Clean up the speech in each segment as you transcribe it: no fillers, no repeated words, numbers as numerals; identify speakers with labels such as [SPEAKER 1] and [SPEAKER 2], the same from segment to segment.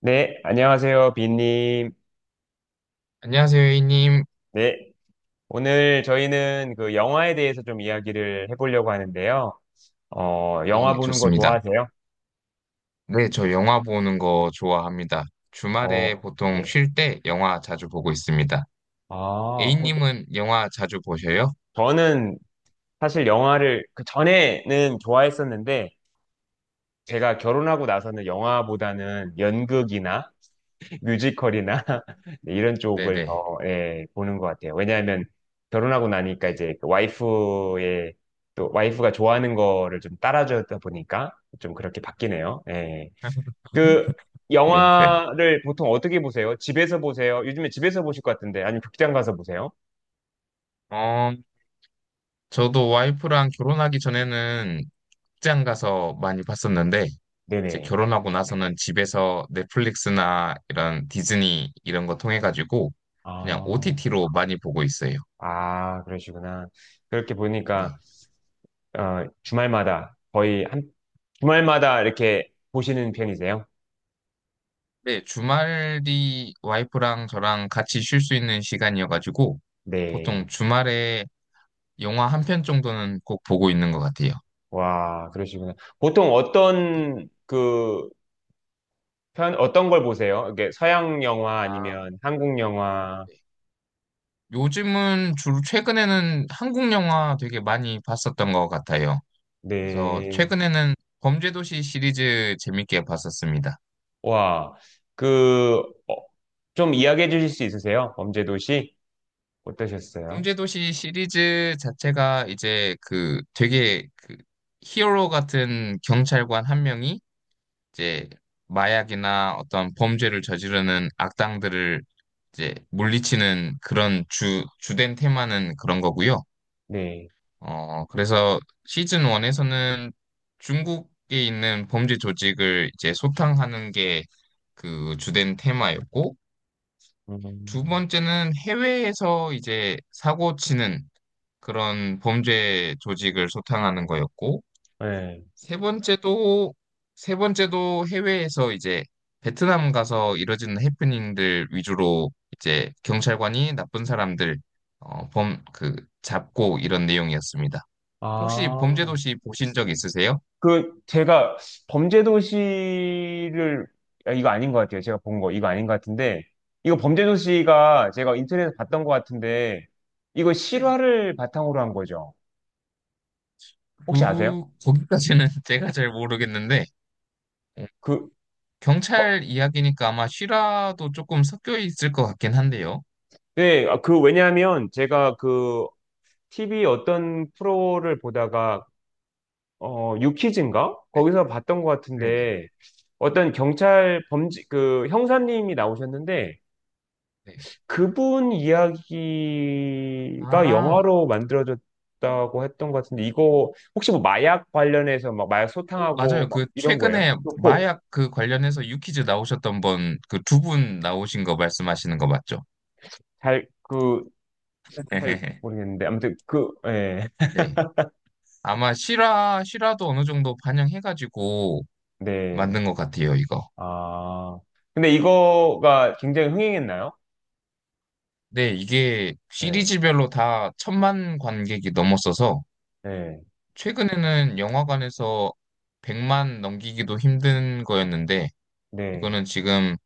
[SPEAKER 1] 네, 안녕하세요, 빈님.
[SPEAKER 2] 안녕하세요, A님.
[SPEAKER 1] 네, 오늘 저희는 그 영화에 대해서 좀 이야기를 해보려고 하는데요. 영화
[SPEAKER 2] 네,
[SPEAKER 1] 보는 거
[SPEAKER 2] 좋습니다.
[SPEAKER 1] 좋아하세요?
[SPEAKER 2] 네, 저 영화 보는 거 좋아합니다. 주말에
[SPEAKER 1] 어,
[SPEAKER 2] 보통
[SPEAKER 1] 네.
[SPEAKER 2] 쉴 때 영화 자주 보고 있습니다.
[SPEAKER 1] 아, 보-
[SPEAKER 2] A님은 영화 자주 보셔요?
[SPEAKER 1] 저는 사실 영화를 그 전에는 좋아했었는데,
[SPEAKER 2] 네.
[SPEAKER 1] 제가 결혼하고 나서는 영화보다는 연극이나 뮤지컬이나 네, 이런 쪽을
[SPEAKER 2] 네네.
[SPEAKER 1] 더 예, 보는 것 같아요. 왜냐하면 결혼하고 나니까
[SPEAKER 2] 네.
[SPEAKER 1] 이제 그 와이프의 또 와이프가 좋아하는 거를 좀 따라주다 보니까 좀 그렇게 바뀌네요. 예. 그
[SPEAKER 2] 네, 네.
[SPEAKER 1] 영화를 보통 어떻게 보세요? 집에서 보세요? 요즘에 집에서 보실 것 같은데 아니면 극장 가서 보세요?
[SPEAKER 2] 어, 저도 와이프랑 결혼하기 전에는 극장 가서 많이 봤었는데, 이제
[SPEAKER 1] 네네.
[SPEAKER 2] 결혼하고 나서는 집에서 넷플릭스나 이런 디즈니 이런 거 통해가지고 그냥
[SPEAKER 1] 아,
[SPEAKER 2] OTT로 많이 보고 있어요.
[SPEAKER 1] 아, 그러시구나. 그렇게 보니까
[SPEAKER 2] 네.
[SPEAKER 1] 주말마다 거의 한 주말마다 이렇게 보시는 편이세요?
[SPEAKER 2] 네, 주말 이 와이프랑 저랑 같이 쉴 수 있는 시간이어가지고 보통
[SPEAKER 1] 네.
[SPEAKER 2] 주말에 영화 한 편 정도는 꼭 보고 있는 것 같아요.
[SPEAKER 1] 와, 그러시구나. 보통 어떤 걸 보세요? 이게 서양 영화
[SPEAKER 2] 아,
[SPEAKER 1] 아니면 한국 영화?
[SPEAKER 2] 네. 요즘은 주로 최근에는 한국 영화 되게 많이 봤었던 것 같아요. 그래서
[SPEAKER 1] 네.
[SPEAKER 2] 최근에는 범죄도시 시리즈 재밌게 봤었습니다.
[SPEAKER 1] 와, 그, 어, 좀 이야기해 주실 수 있으세요? 범죄도시? 어떠셨어요?
[SPEAKER 2] 범죄도시 시리즈 자체가 이제 그 되게 그 히어로 같은 경찰관 한 명이 이제 마약이나 어떤 범죄를 저지르는 악당들을 이제 물리치는 그런 주된 테마는 그런 거고요.
[SPEAKER 1] 네.
[SPEAKER 2] 그래서 시즌 1에서는 중국에 있는 범죄 조직을 이제 소탕하는 게 그 주된 테마였고, 두
[SPEAKER 1] 음,
[SPEAKER 2] 번째는 해외에서 이제 사고 치는 그런 범죄 조직을 소탕하는 거였고,
[SPEAKER 1] 네.
[SPEAKER 2] 세 번째도 세 번째도 해외에서 이제 베트남 가서 이뤄지는 해프닝들 위주로 이제 경찰관이 나쁜 사람들 어, 범, 그 잡고 이런 내용이었습니다. 혹시
[SPEAKER 1] 아.
[SPEAKER 2] 범죄도시 보신 적 있으세요?
[SPEAKER 1] 그 제가 범죄도시를 아, 이거 아닌 것 같아요. 제가 본 거 이거 아닌 것 같은데 이거 범죄도시가 제가 인터넷에서 봤던 것 같은데 이거
[SPEAKER 2] 네.
[SPEAKER 1] 실화를 바탕으로 한 거죠. 혹시 아세요?
[SPEAKER 2] 그 거기까지는 제가 잘 모르겠는데 어,
[SPEAKER 1] 그 어,
[SPEAKER 2] 경찰 이야기니까 아마 실화도 조금 섞여 있을 것 같긴 한데요.
[SPEAKER 1] 네, 아, 왜냐하면 제가 TV 어떤 프로를 보다가 유퀴즈인가
[SPEAKER 2] 네,
[SPEAKER 1] 거기서 봤던 것
[SPEAKER 2] 네네.
[SPEAKER 1] 같은데 어떤 경찰 범죄 그 형사님이 나오셨는데
[SPEAKER 2] 네.
[SPEAKER 1] 그분 이야기가
[SPEAKER 2] 아.
[SPEAKER 1] 영화로 만들어졌다고 했던 것 같은데, 이거 혹시 뭐 마약 관련해서 막 마약
[SPEAKER 2] 오,
[SPEAKER 1] 소탕하고
[SPEAKER 2] 맞아요.
[SPEAKER 1] 막
[SPEAKER 2] 그
[SPEAKER 1] 이런 거예요?
[SPEAKER 2] 최근에 마약 그 관련해서 유퀴즈 나오셨던 분, 그 두 분 나오신 거 말씀하시는 거 맞죠?
[SPEAKER 1] 잘, 그, 잘 모르겠는데. 아무튼 그, 예.
[SPEAKER 2] 네. 아마 실화도 어느 정도 반영해가지고
[SPEAKER 1] 네.
[SPEAKER 2] 만든 것 같아요, 이거.
[SPEAKER 1] 아. 근데 이거가 굉장히 흥행했나요?
[SPEAKER 2] 네, 이게
[SPEAKER 1] 네.
[SPEAKER 2] 시리즈별로 다 1,000만 관객이 넘었어서
[SPEAKER 1] 네.
[SPEAKER 2] 최근에는 영화관에서 100만 넘기기도 힘든 거였는데
[SPEAKER 1] 네.
[SPEAKER 2] 이거는 지금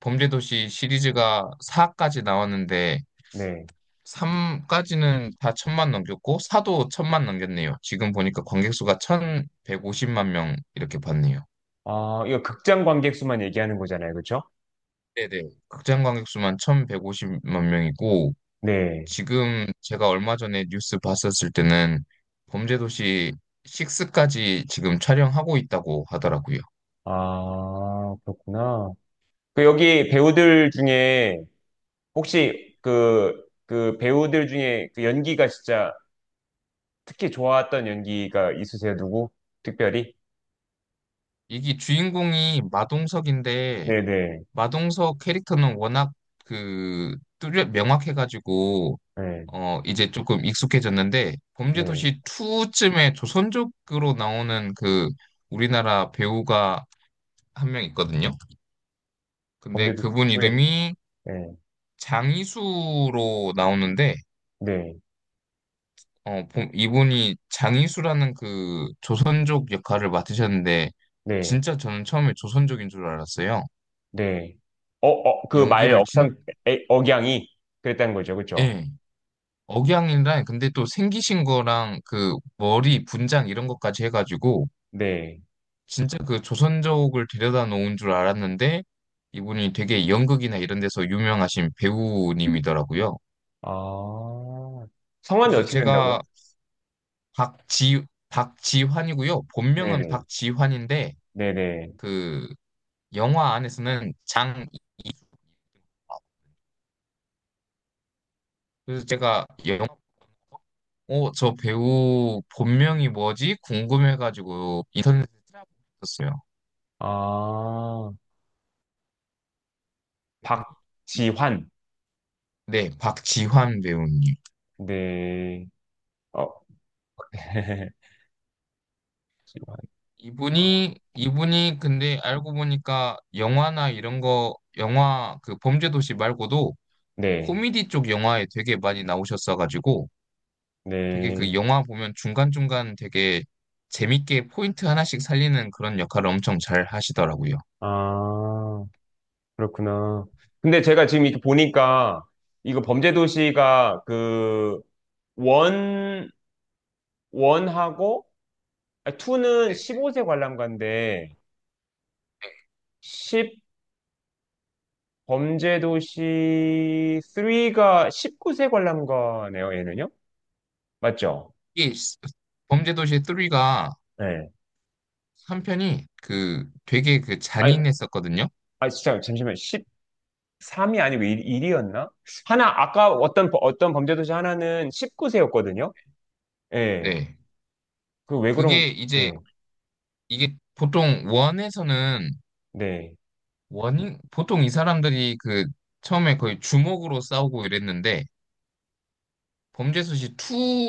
[SPEAKER 2] 범죄도시 시리즈가 4까지 나왔는데
[SPEAKER 1] 네.
[SPEAKER 2] 삼까지는다 1,000만 넘겼고, 사도 1,000만 넘겼네요. 지금 보니까 관객 수가 1,150만 명 이렇게 봤네요.
[SPEAKER 1] 아, 이거 극장 관객 수만 얘기하는 거잖아요. 그렇죠?
[SPEAKER 2] 네네. 극장 관객 수만 1,150만 명이고,
[SPEAKER 1] 네.
[SPEAKER 2] 지금 제가 얼마 전에 뉴스 봤었을 때는 범죄도시 6까지 지금 촬영하고 있다고 하더라고요.
[SPEAKER 1] 아, 그렇구나. 그 여기 배우들 중에 혹시 그 배우들 중에 그 연기가 진짜 특히 좋았던 연기가 있으세요? 누구? 특별히?
[SPEAKER 2] 이게 주인공이 마동석인데,
[SPEAKER 1] 네네.
[SPEAKER 2] 마동석 캐릭터는 워낙 그 뚜렷 명확해가지고,
[SPEAKER 1] 네.
[SPEAKER 2] 이제 조금 익숙해졌는데,
[SPEAKER 1] 네. 네.
[SPEAKER 2] 범죄도시 2쯤에 조선족으로 나오는 그 우리나라 배우가 한 명 있거든요. 근데
[SPEAKER 1] 범죄도
[SPEAKER 2] 그분
[SPEAKER 1] 수혜.
[SPEAKER 2] 이름이
[SPEAKER 1] 네.
[SPEAKER 2] 장이수로 나오는데,
[SPEAKER 1] 네.
[SPEAKER 2] 이분이 장이수라는 그 조선족 역할을 맡으셨는데,
[SPEAKER 1] 네.
[SPEAKER 2] 진짜 저는 처음에 조선족인 줄 알았어요.
[SPEAKER 1] 네. 어, 어, 그 말
[SPEAKER 2] 연기를 진,
[SPEAKER 1] 억양, 억양이 그랬다는 거죠. 그쵸?
[SPEAKER 2] 예. 억양이랑, 근데 또 생기신 거랑 그 머리 분장 이런 것까지 해가지고,
[SPEAKER 1] 네.
[SPEAKER 2] 진짜 그 조선족을 데려다 놓은 줄 알았는데 이분이 되게 연극이나 이런 데서 유명하신 배우님이더라고요.
[SPEAKER 1] 아. 성함이
[SPEAKER 2] 그래서
[SPEAKER 1] 어떻게 된다고요?
[SPEAKER 2] 제가 박지 박지환이고요. 본명은
[SPEAKER 1] 네네.
[SPEAKER 2] 박지환인데
[SPEAKER 1] 네네.
[SPEAKER 2] 그 영화 안에서는 장 그래서 제가 영화 저 배우 본명이 뭐지? 궁금해가지고 인터넷에 찾아봤었어요.
[SPEAKER 1] 아. 박지환.
[SPEAKER 2] 네, 박지환 배우님.
[SPEAKER 1] 네. 어. 지환. 어,
[SPEAKER 2] 이분이 근데 알고 보니까 영화나 이런 거 영화 그 범죄도시 말고도
[SPEAKER 1] 네.
[SPEAKER 2] 코미디 쪽 영화에 되게 많이 나오셨어가지고 되게 그
[SPEAKER 1] 네.
[SPEAKER 2] 영화 보면 중간중간 되게 재밌게 포인트 하나씩 살리는 그런 역할을 엄청 잘 하시더라고요.
[SPEAKER 1] 아, 그렇구나. 근데 제가 지금 이렇게 보니까 이거 범죄도시가 원, 원하고 아, 투는
[SPEAKER 2] 네.
[SPEAKER 1] 15세 관람가인데 10 범죄도시 3가 19세 관람가네요, 얘는요? 맞죠?
[SPEAKER 2] 이게 범죄도시 3가
[SPEAKER 1] 네.
[SPEAKER 2] 한 편이 그 되게 그
[SPEAKER 1] 아니,
[SPEAKER 2] 잔인했었거든요.
[SPEAKER 1] 아 진짜 잠시만. 13이 아니고 1, 이었나 하나 아까 어떤 범죄도시 하나는 19세였거든요. 예.
[SPEAKER 2] 네.
[SPEAKER 1] 그 왜 그런
[SPEAKER 2] 그게 이제
[SPEAKER 1] 예.
[SPEAKER 2] 이게 보통 원에서는
[SPEAKER 1] 네.
[SPEAKER 2] 원인 보통 이 사람들이 그 처음에 거의 주먹으로 싸우고 이랬는데 범죄수시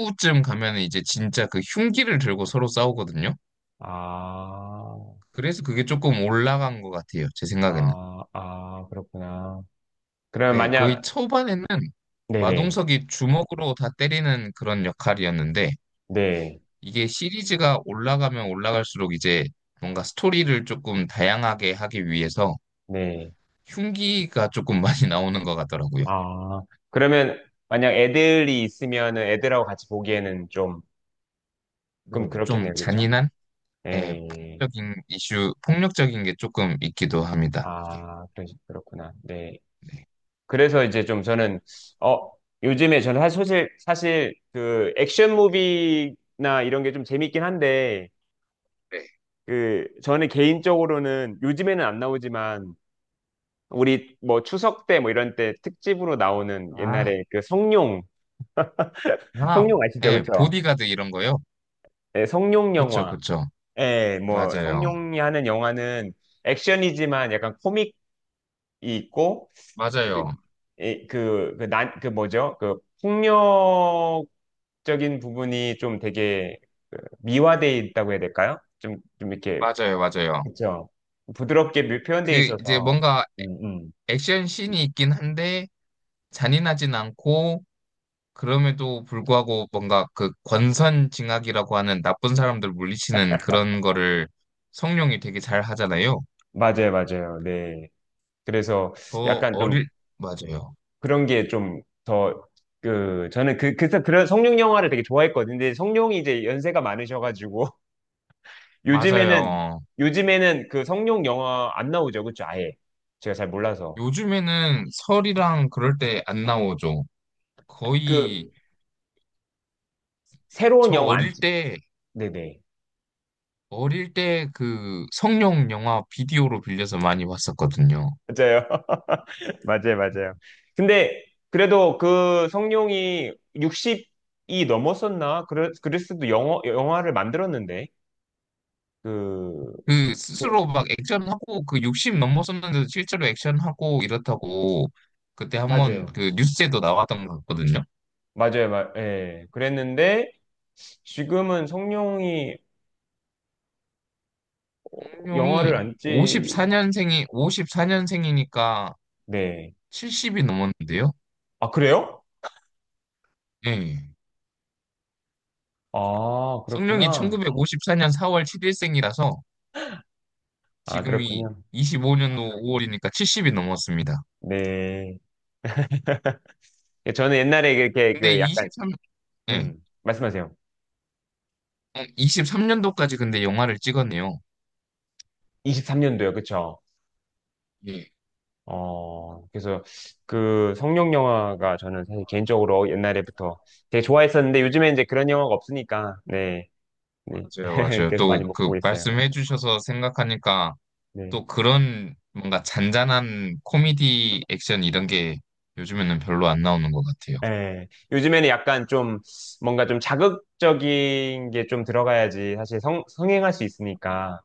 [SPEAKER 2] 2쯤 가면 이제 진짜 그 흉기를 들고 서로 싸우거든요.
[SPEAKER 1] 아,
[SPEAKER 2] 그래서 그게 조금 올라간 것 같아요. 제 생각에는.
[SPEAKER 1] 아, 그렇구나. 그러면
[SPEAKER 2] 네, 거의
[SPEAKER 1] 만약,
[SPEAKER 2] 초반에는
[SPEAKER 1] 네네,
[SPEAKER 2] 마동석이 주먹으로 다 때리는 그런 역할이었는데
[SPEAKER 1] 네,
[SPEAKER 2] 이게 시리즈가 올라가면 올라갈수록 이제 뭔가 스토리를 조금 다양하게 하기 위해서
[SPEAKER 1] 네.
[SPEAKER 2] 흉기가 조금 많이 나오는 것 같더라고요.
[SPEAKER 1] 아, 그러면 만약 애들이 있으면은 애들하고 같이 보기에는 좀,
[SPEAKER 2] 네.
[SPEAKER 1] 그럼 그렇겠네요,
[SPEAKER 2] 좀
[SPEAKER 1] 그렇죠?
[SPEAKER 2] 잔인한? 예,
[SPEAKER 1] 네.
[SPEAKER 2] 폭력적인 게 조금 있기도 합니다. 이게.
[SPEAKER 1] 아, 그렇구나. 네.
[SPEAKER 2] 네.
[SPEAKER 1] 그래서 이제 좀 저는, 어, 요즘에 저는 사실 그 액션 무비나 이런 게 좀 재밌긴 한데,
[SPEAKER 2] 네.
[SPEAKER 1] 그, 저는 개인적으로는 요즘에는 안 나오지만, 우리 뭐 추석 때 뭐 이런 때 특집으로 나오는
[SPEAKER 2] 아,
[SPEAKER 1] 옛날에 그 성룡, 성룡
[SPEAKER 2] 아,
[SPEAKER 1] 아시죠?
[SPEAKER 2] 예,
[SPEAKER 1] 그쵸?
[SPEAKER 2] 보디가드 이런 거요?
[SPEAKER 1] 예, 성룡
[SPEAKER 2] 그쵸,
[SPEAKER 1] 영화.
[SPEAKER 2] 그쵸.
[SPEAKER 1] 예, 뭐
[SPEAKER 2] 맞아요.
[SPEAKER 1] 성룡이 하는 영화는 액션이지만 약간 코믹이 있고 그리
[SPEAKER 2] 맞아요.
[SPEAKER 1] 예, 그, 그, 난, 그 뭐죠? 그 폭력적인 부분이 좀 되게 그 미화돼 있다고 해야 될까요? 좀, 좀 이렇게,
[SPEAKER 2] 맞아요, 맞아요.
[SPEAKER 1] 그쵸? 부드럽게 표현돼
[SPEAKER 2] 그, 이제
[SPEAKER 1] 있어서.
[SPEAKER 2] 뭔가
[SPEAKER 1] 음, 음.
[SPEAKER 2] 액션 씬이 있긴 한데, 잔인하진 않고, 그럼에도 불구하고 뭔가 그 권선징악이라고 하는 나쁜 사람들 물리치는 그런 거를 성룡이 되게 잘 하잖아요.
[SPEAKER 1] 맞아요, 맞아요. 네. 그래서
[SPEAKER 2] 더
[SPEAKER 1] 약간 좀
[SPEAKER 2] 어릴, 맞아요.
[SPEAKER 1] 그런 게 좀 더, 그, 저는 그, 그래서 그런 성룡 영화를 되게 좋아했거든요. 근데 성룡이 이제 연세가 많으셔가지고, 요즘에는,
[SPEAKER 2] 맞아요.
[SPEAKER 1] 요즘에는 그 성룡 영화 안 나오죠. 그쵸? 아예. 제가 잘 몰라서.
[SPEAKER 2] 요즘에는 설이랑 그럴 때 안 나오죠. 거의
[SPEAKER 1] 그, 새로운
[SPEAKER 2] 저
[SPEAKER 1] 영화 안 찍, 네네.
[SPEAKER 2] 어릴 때 그 성룡 영화 비디오로 빌려서 많이 봤었거든요.
[SPEAKER 1] 맞아요. 맞아요, 맞아요. 근데, 그래도 그 성룡이 60이 넘었었나? 그랬어도 영화를 만들었는데, 그,
[SPEAKER 2] 그 스스로 막 액션하고 그 60 넘었었는데도 실제로 액션하고 이렇다고 그때 한번
[SPEAKER 1] 맞아요.
[SPEAKER 2] 그 뉴스에도 나왔던 것 같거든요.
[SPEAKER 1] 예. 그랬는데, 지금은 성룡이 영화를
[SPEAKER 2] 성룡이
[SPEAKER 1] 안 찍,
[SPEAKER 2] 54년생이니까
[SPEAKER 1] 네.
[SPEAKER 2] 70이 넘었는데요.
[SPEAKER 1] 아, 그래요?
[SPEAKER 2] 예.
[SPEAKER 1] 아,
[SPEAKER 2] 성룡이
[SPEAKER 1] 그렇구나.
[SPEAKER 2] 1954년 4월 7일생이라서
[SPEAKER 1] 아,
[SPEAKER 2] 지금이
[SPEAKER 1] 그렇군요.
[SPEAKER 2] 25년도 5월이니까 70이 넘었습니다.
[SPEAKER 1] 네. 저는 옛날에 이렇게
[SPEAKER 2] 근데
[SPEAKER 1] 그 약간,
[SPEAKER 2] 23, 네,
[SPEAKER 1] 말씀하세요.
[SPEAKER 2] 13년도까지 근데 영화를 찍었네요.
[SPEAKER 1] 23년도요, 그쵸?
[SPEAKER 2] 예,
[SPEAKER 1] 어, 그래서 그 성룡 영화가 저는 사실 개인적으로 옛날에부터 되게 좋아했었는데 요즘에 이제 그런 영화가 없으니까, 네. 네.
[SPEAKER 2] 맞아요, 맞아요.
[SPEAKER 1] 그래서
[SPEAKER 2] 또
[SPEAKER 1] 많이 못
[SPEAKER 2] 그
[SPEAKER 1] 보고 있어요.
[SPEAKER 2] 말씀해 주셔서 생각하니까
[SPEAKER 1] 네.
[SPEAKER 2] 또 그런 뭔가 잔잔한 코미디 액션 이런 게 요즘에는 별로 안 나오는 것 같아요.
[SPEAKER 1] 예. 요즘에는 약간 좀 뭔가 좀 자극적인 게 좀 들어가야지 성행할 수 있으니까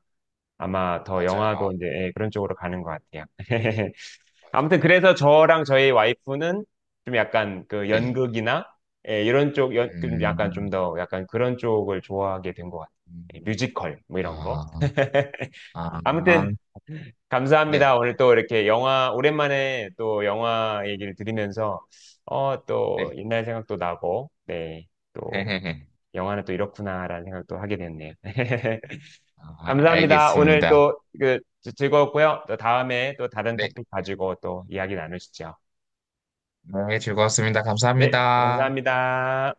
[SPEAKER 1] 아마 더
[SPEAKER 2] 맞아요,
[SPEAKER 1] 영화도 이제 예, 그런 쪽으로 가는 것 같아요.
[SPEAKER 2] 맞아요.
[SPEAKER 1] 아무튼 그래서 저랑 저희 와이프는 좀 약간 그
[SPEAKER 2] 네.
[SPEAKER 1] 연극이나 예, 좀 약간 좀
[SPEAKER 2] 음,
[SPEAKER 1] 더 약간 그런 쪽을 좋아하게 된 것 같아요. 예,
[SPEAKER 2] 음,
[SPEAKER 1] 뮤지컬 뭐 이런 거.
[SPEAKER 2] 아,
[SPEAKER 1] 아무튼
[SPEAKER 2] 아, 네,
[SPEAKER 1] 감사합니다. 오늘 또 이렇게 영화, 오랜만에 또 영화 얘기를 들으면서, 어, 또
[SPEAKER 2] 네.
[SPEAKER 1] 옛날 생각도 나고, 네, 또
[SPEAKER 2] 헤헤헤.
[SPEAKER 1] 영화는 또 이렇구나라는 생각도 하게 됐네요.
[SPEAKER 2] 네. 아,
[SPEAKER 1] 감사합니다. 오늘
[SPEAKER 2] 알겠습니다.
[SPEAKER 1] 또 그, 즐거웠고요. 또 다음에 또 다른
[SPEAKER 2] 네.
[SPEAKER 1] 토픽 가지고 또 이야기 나누시죠.
[SPEAKER 2] 네, 즐거웠습니다.
[SPEAKER 1] 네,
[SPEAKER 2] 감사합니다.
[SPEAKER 1] 감사합니다.